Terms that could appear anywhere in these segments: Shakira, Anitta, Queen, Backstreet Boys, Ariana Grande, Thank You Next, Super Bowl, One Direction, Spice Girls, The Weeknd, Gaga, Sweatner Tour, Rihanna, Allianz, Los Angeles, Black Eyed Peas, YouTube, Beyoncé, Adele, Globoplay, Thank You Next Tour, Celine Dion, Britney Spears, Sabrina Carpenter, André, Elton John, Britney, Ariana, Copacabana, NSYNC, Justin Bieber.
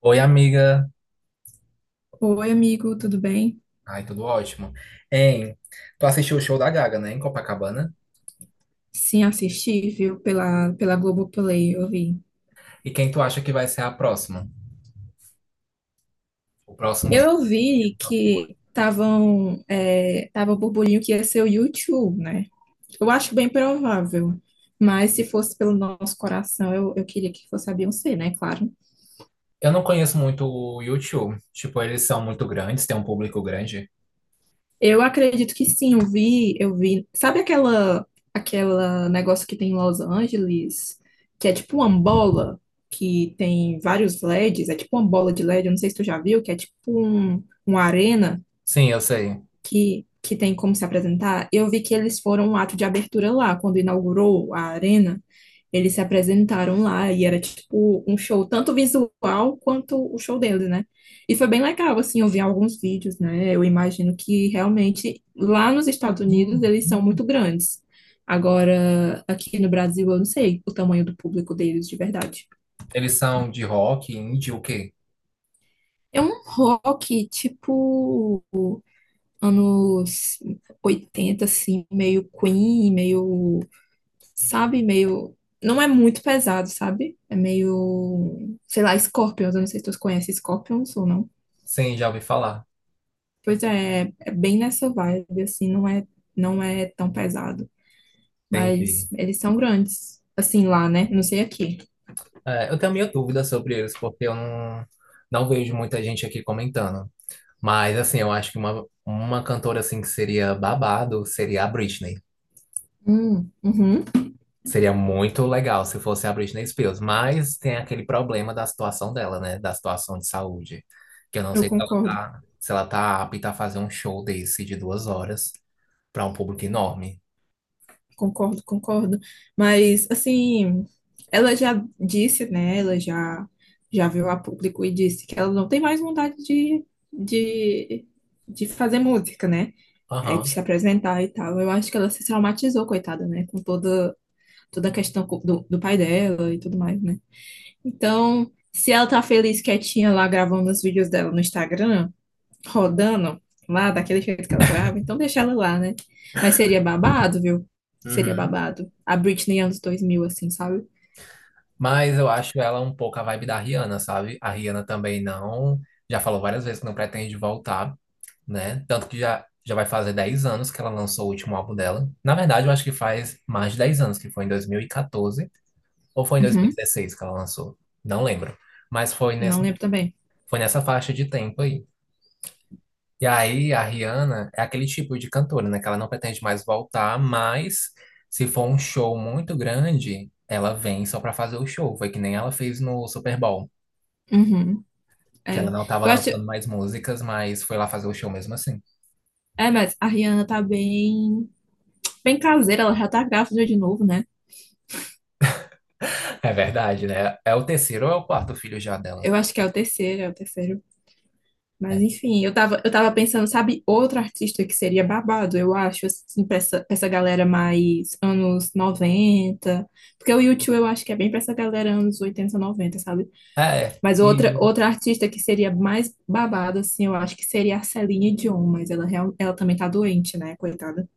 Oi, amiga. Oi, amigo, tudo bem? Ai, tudo ótimo. Hein, tu assistiu o show da Gaga, né, em Copacabana? Sim, assisti, viu, pela Globoplay, eu vi. E quem tu acha que vai ser a próxima? O próximo show. Eu vi que estavam, tava o burburinho que ia ser o YouTube, né? Eu acho bem provável, mas se fosse pelo nosso coração, eu queria que fosse a Beyoncé, né? Claro. Eu não conheço muito o YouTube. Tipo, eles são muito grandes, tem um público grande. Eu acredito que sim, eu vi. Sabe aquela negócio que tem em Los Angeles, que é tipo uma bola que tem vários LEDs, é tipo uma bola de LED, eu não sei se tu já viu, que é tipo uma arena Sim, eu sei. que tem como se apresentar, eu vi que eles foram um ato de abertura lá, quando inaugurou a arena, eles se apresentaram lá e era tipo um show, tanto visual quanto o show deles, né? E foi bem legal, assim, eu vi alguns vídeos, né? Eu imagino que realmente lá nos Estados Unidos eles são muito grandes. Agora, aqui no Brasil, eu não sei o tamanho do público deles de verdade. Eles são de rock, indie, o quê? É um rock, tipo, anos 80 assim, meio Queen, meio, sabe, meio. Não é muito pesado, sabe? É meio, sei lá, Scorpions. Eu não sei se tu conhece Scorpions ou não. Sim, já ouvi falar. Pois é, é bem nessa vibe, assim, não é tão pesado. Mas Entendi. eles são grandes, assim, lá, né? Não sei aqui. É, eu tenho minha dúvida sobre eles, porque eu não, não vejo muita gente aqui comentando. Mas, assim, eu acho que uma cantora, assim, que seria babado seria a Britney. Uhum, Seria muito legal se fosse a Britney Spears, mas tem aquele problema da situação dela, né? Da situação de saúde. Que eu não eu sei se ela concordo. tá, se ela tá apta a fazer um show desse de 2 horas para um público enorme. Concordo, concordo. Mas, assim, ela já disse, né? Já veio a público e disse que ela não tem mais vontade de, de fazer música, né? É, de se Aham. apresentar e tal. Eu acho que ela se traumatizou, coitada, né? Com toda, toda a questão do, do pai dela e tudo mais, né? Então, se ela tá feliz quietinha lá gravando os vídeos dela no Instagram, rodando lá daquele jeito que ela grava, então deixa ela lá, né? Mas seria babado, viu? Seria Uhum. babado. A Britney anos 2000 assim, sabe? Mas eu acho ela um pouco a vibe da Rihanna, sabe? A Rihanna também não. Já falou várias vezes que não pretende voltar, né? Tanto que já vai fazer 10 anos que ela lançou o último álbum dela. Na verdade, eu acho que faz mais de 10 anos, que foi em 2014. Ou foi em Uhum. 2016 que ela lançou? Não lembro. Mas Não lembro também. foi nessa faixa de tempo aí. E aí, a Rihanna é aquele tipo de cantora, né? Que ela não pretende mais voltar, mas se for um show muito grande, ela vem só pra fazer o show. Foi que nem ela fez no Super Bowl, Uhum. que ela É. não tava Eu acho. lançando mais músicas, mas foi lá fazer o show mesmo assim. É, mas a Rihanna tá bem. Bem caseira, ela já tá grávida de novo, né? É verdade, né? É o terceiro ou é o quarto filho já dela? Eu acho que é o terceiro, é o terceiro. Mas É. enfim, eu tava pensando, sabe, outro artista que seria babado, eu acho, assim, pra pra essa galera mais anos noventa. Porque o YouTube eu acho que é bem pra essa galera anos 80 noventa, sabe? É. Mas E outra artista que seria mais babado, assim, eu acho que seria a Celine Dion, mas ela, ela também tá doente, né, coitada.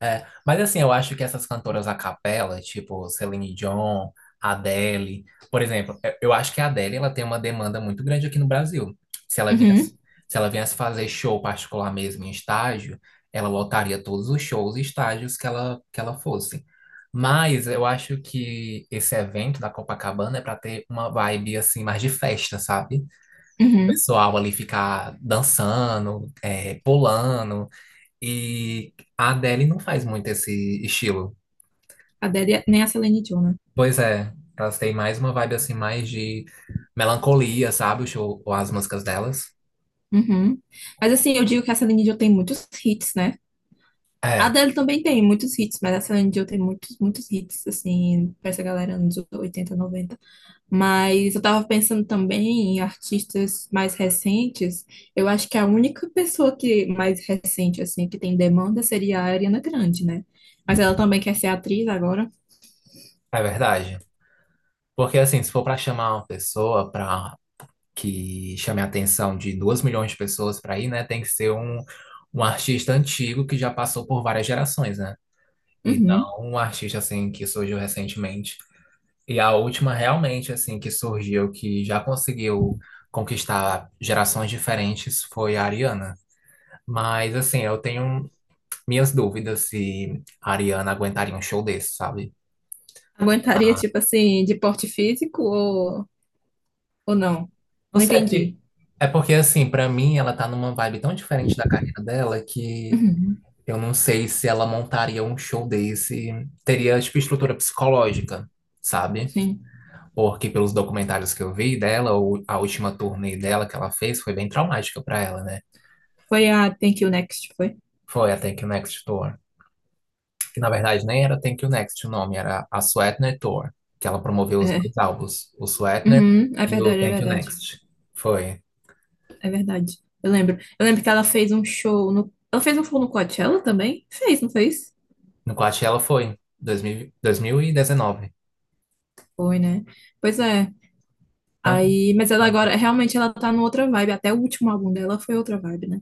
é, mas assim, eu acho que essas cantoras a capela, tipo Celine Dion, Adele, por exemplo, eu acho que a Adele ela tem uma demanda muito grande aqui no Brasil. Se ela viesse, Uhum, Se ela viesse fazer show particular mesmo em estágio, ela lotaria todos os shows e estágios que que ela fosse. Mas eu acho que esse evento da Copacabana é para ter uma vibe assim mais de festa, sabe? O uhum. pessoal ali ficar dançando, é, pulando. E a Adele não faz muito esse estilo. A Adele, nem a Celine Dion, né? Pois é, elas têm mais uma vibe assim, mais de melancolia, sabe? O show- ou as músicas delas. Uhum. Mas assim, eu digo que a Celine Dion tem muitos hits, né? A É, Adele também tem muitos hits, mas a Celine Dion tem muitos, muitos hits, assim, pra essa galera anos 80 noventa. Mas eu tava pensando também em artistas mais recentes. Eu acho que a única pessoa que mais recente, assim, que tem demanda seria a Ariana Grande, né? Mas ela também quer ser atriz agora. é verdade. Porque assim, se for pra chamar uma pessoa pra que chame a atenção de 2 milhões de pessoas pra ir, né? Tem que ser um artista antigo que já passou por várias gerações, né? E Uhum. não um artista assim que surgiu recentemente. E a última realmente assim que surgiu que já conseguiu conquistar gerações diferentes foi a Ariana. Mas assim, eu tenho minhas dúvidas se a Ariana aguentaria um show desse, sabe? Aguentaria, tipo assim, de porte físico ou não? Não Não sei, entendi. é porque, assim, pra mim ela tá numa vibe tão diferente da carreira dela que Uhum. eu não sei se ela montaria um show desse, teria tipo estrutura psicológica, sabe? Sim. Porque pelos documentários que eu vi dela, o- a última turnê dela que ela fez foi bem traumática pra ela, né? Foi a Thank You Next, foi? Foi a Thank You Next Tour. Que na verdade nem era Thank You Next o nome, era a Sweatner Tour. Que ela promoveu os É, dois álbuns, o Sweatner uhum, é e o verdade, é Thank You verdade. Next. Foi. É verdade. Eu lembro. Eu lembro que ela fez um show no. Ela fez um show no Coachella também? Fez, não fez? No Coachella foi, 2000, 2019. Foi, né? Pois é. Tanto. Aí, mas ela agora, realmente ela tá numa outra vibe. Até o último álbum dela foi outra vibe, né?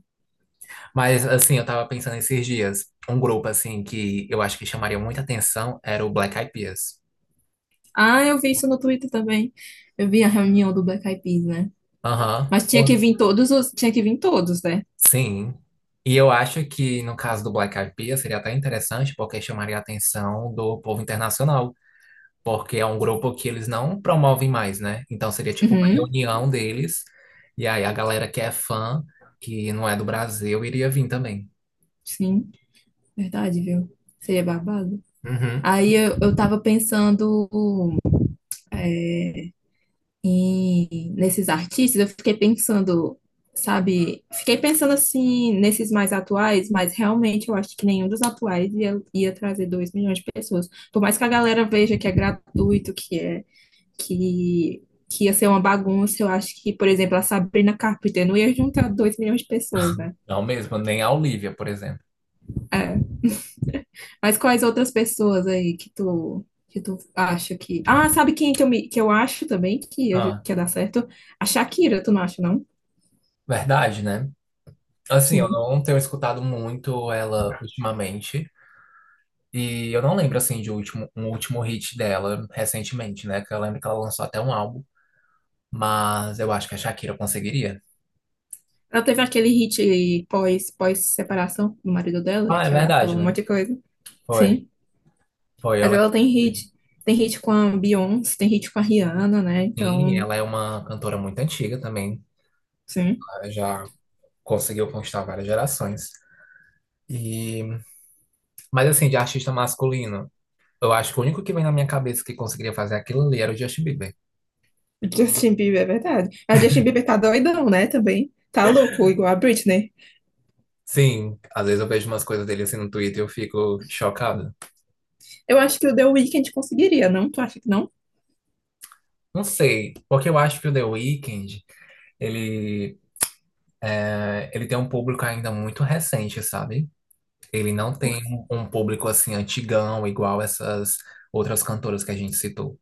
Mas assim, eu tava pensando esses dias. Um grupo assim que eu acho que chamaria muita atenção era o Black Eyed Peas. Ah, eu vi isso no Twitter também. Eu vi a reunião do Black Eyed Peas, né? Aham. Mas tinha que vir todos os. Tinha que vir todos, né? Sim. E eu acho que no caso do Black Eyed Peas seria até interessante porque chamaria a atenção do povo internacional. Porque é um grupo que eles não promovem mais, né? Então seria tipo uma Uhum, reunião deles, e aí a galera que é fã, que não é do Brasil, iria vir também. sim. Verdade, viu? Seria babado. Uhum. Eu tava pensando. É, e nesses artistas, eu fiquei pensando, sabe? Fiquei pensando assim, nesses mais atuais, mas realmente eu acho que nenhum dos atuais ia trazer 2 milhões de pessoas. Por mais que a galera veja que é gratuito, que, que ia ser uma bagunça, eu acho que, por exemplo, a Sabrina Carpenter não ia juntar 2 milhões de pessoas, né? Não mesmo, nem a Olivia, por exemplo. É. Mas quais outras pessoas aí Que tu acha que. Ah, sabe quem que que eu acho também que Ah, que ia dar certo? A Shakira, tu não acha, não? verdade, né? Assim, eu Sim. não tenho escutado muito ela ultimamente. E eu não lembro, assim, de último, um último hit dela recentemente, né? Que eu lembro que ela lançou até um álbum. Mas eu acho que a Shakira conseguiria. Ela teve aquele hit pós-separação do marido dela, Ah, é que ela verdade, falou um né? monte de coisa. Foi, Sim. foi, eu Mas lembro. ela tem hit. Tem hit com a Beyoncé, tem hit com a Rihanna, né? Sim, e Então, ela é uma cantora muito antiga também. sim. Ela já conseguiu conquistar várias gerações. E, mas assim, de artista masculino, eu acho que o único que vem na minha cabeça que conseguiria fazer aquilo ali era o Justin Bieber. O Justin Bieber, é verdade. A Justin Bieber tá doidão, né? Também. Tá louco, igual a Britney. Sim, às vezes eu vejo umas coisas dele assim no Twitter e eu fico chocado. Eu acho que o The Weeknd conseguiria, não? Tu acha que não? Não sei, porque eu acho que o The Weeknd, ele, eh, ele tem um público ainda muito recente, sabe? Ele não tem Por- um público assim antigão, igual essas outras cantoras que a gente citou.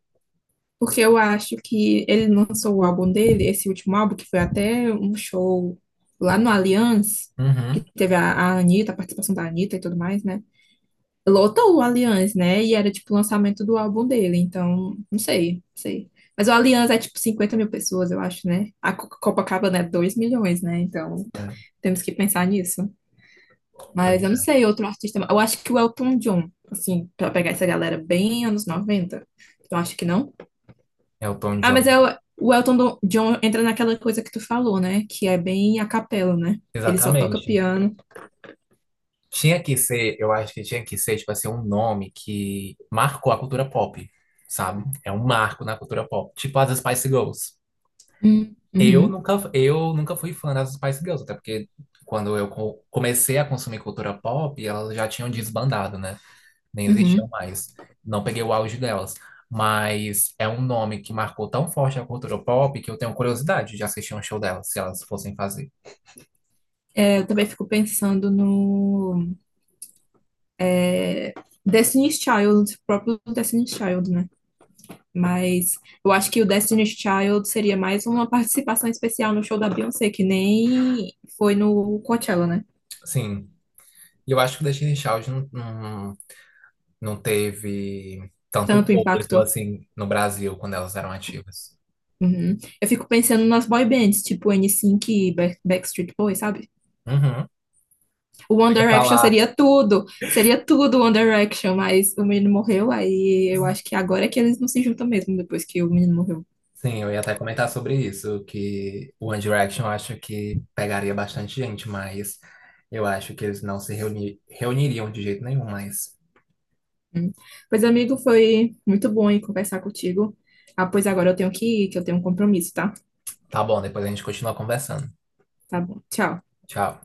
Porque eu acho que ele lançou o álbum dele, esse último álbum, que foi até um show lá no Allianz, que Uhum. teve a Anitta, a participação da Anitta e tudo mais, né? Lotou o Allianz, né? E era tipo o lançamento do álbum dele, então não sei, não sei. Mas o Allianz é tipo 50 mil pessoas, eu acho, né? A Copacabana é 2 milhões, né? Então É, temos que pensar nisso. pois Mas eu não é. sei, outro artista. Eu acho que o Elton John, assim, pra pegar essa galera bem anos 90. Eu acho que não. Elton Ah, mas John. é o Elton John entra naquela coisa que tu falou, né? Que é bem a capela, né? Ele só toca Exatamente. piano. Tinha que ser, eu acho que tinha que ser, tipo assim, um nome que marcou a cultura pop, sabe? É um marco na cultura pop. Tipo as Spice Girls. Uhum, Eu nunca fui fã das Spice Girls, até porque quando eu co- comecei a consumir cultura pop, elas já tinham desbandado, né? Nem existiam uhum. mais. Não peguei o auge delas. Mas é um nome que marcou tão forte a cultura pop que eu tenho curiosidade de assistir um show delas, se elas fossem fazer. É, eu também fico pensando no. É, Destiny's Child, próprio Destiny's Child, né? Mas eu acho que o Destiny's Child seria mais uma participação especial no show da Beyoncé, que nem foi no Coachella, né? Sim. E eu acho que o Destiny's Child não- Não teve tanto Tanto público impacto. assim no Brasil quando elas eram ativas. Uhum. Eu fico pensando nas boy bands, tipo NSYNC e Backstreet Boys, sabe? Uhum. O One Eu ia Direction falar, seria tudo One Direction, mas o menino morreu, aí eu acho que agora é que eles não se juntam mesmo, depois que o menino morreu. sim, eu ia até comentar sobre isso, que o One Direction eu acho que pegaria bastante gente, mas eu acho que eles não se reuni- reuniriam de jeito nenhum, mas Hum. Pois, amigo, foi muito bom aí conversar contigo. Ah, pois agora eu tenho que ir, que eu tenho um compromisso, tá? tá bom, depois a gente continua conversando. Tá bom. Tchau. Tchau.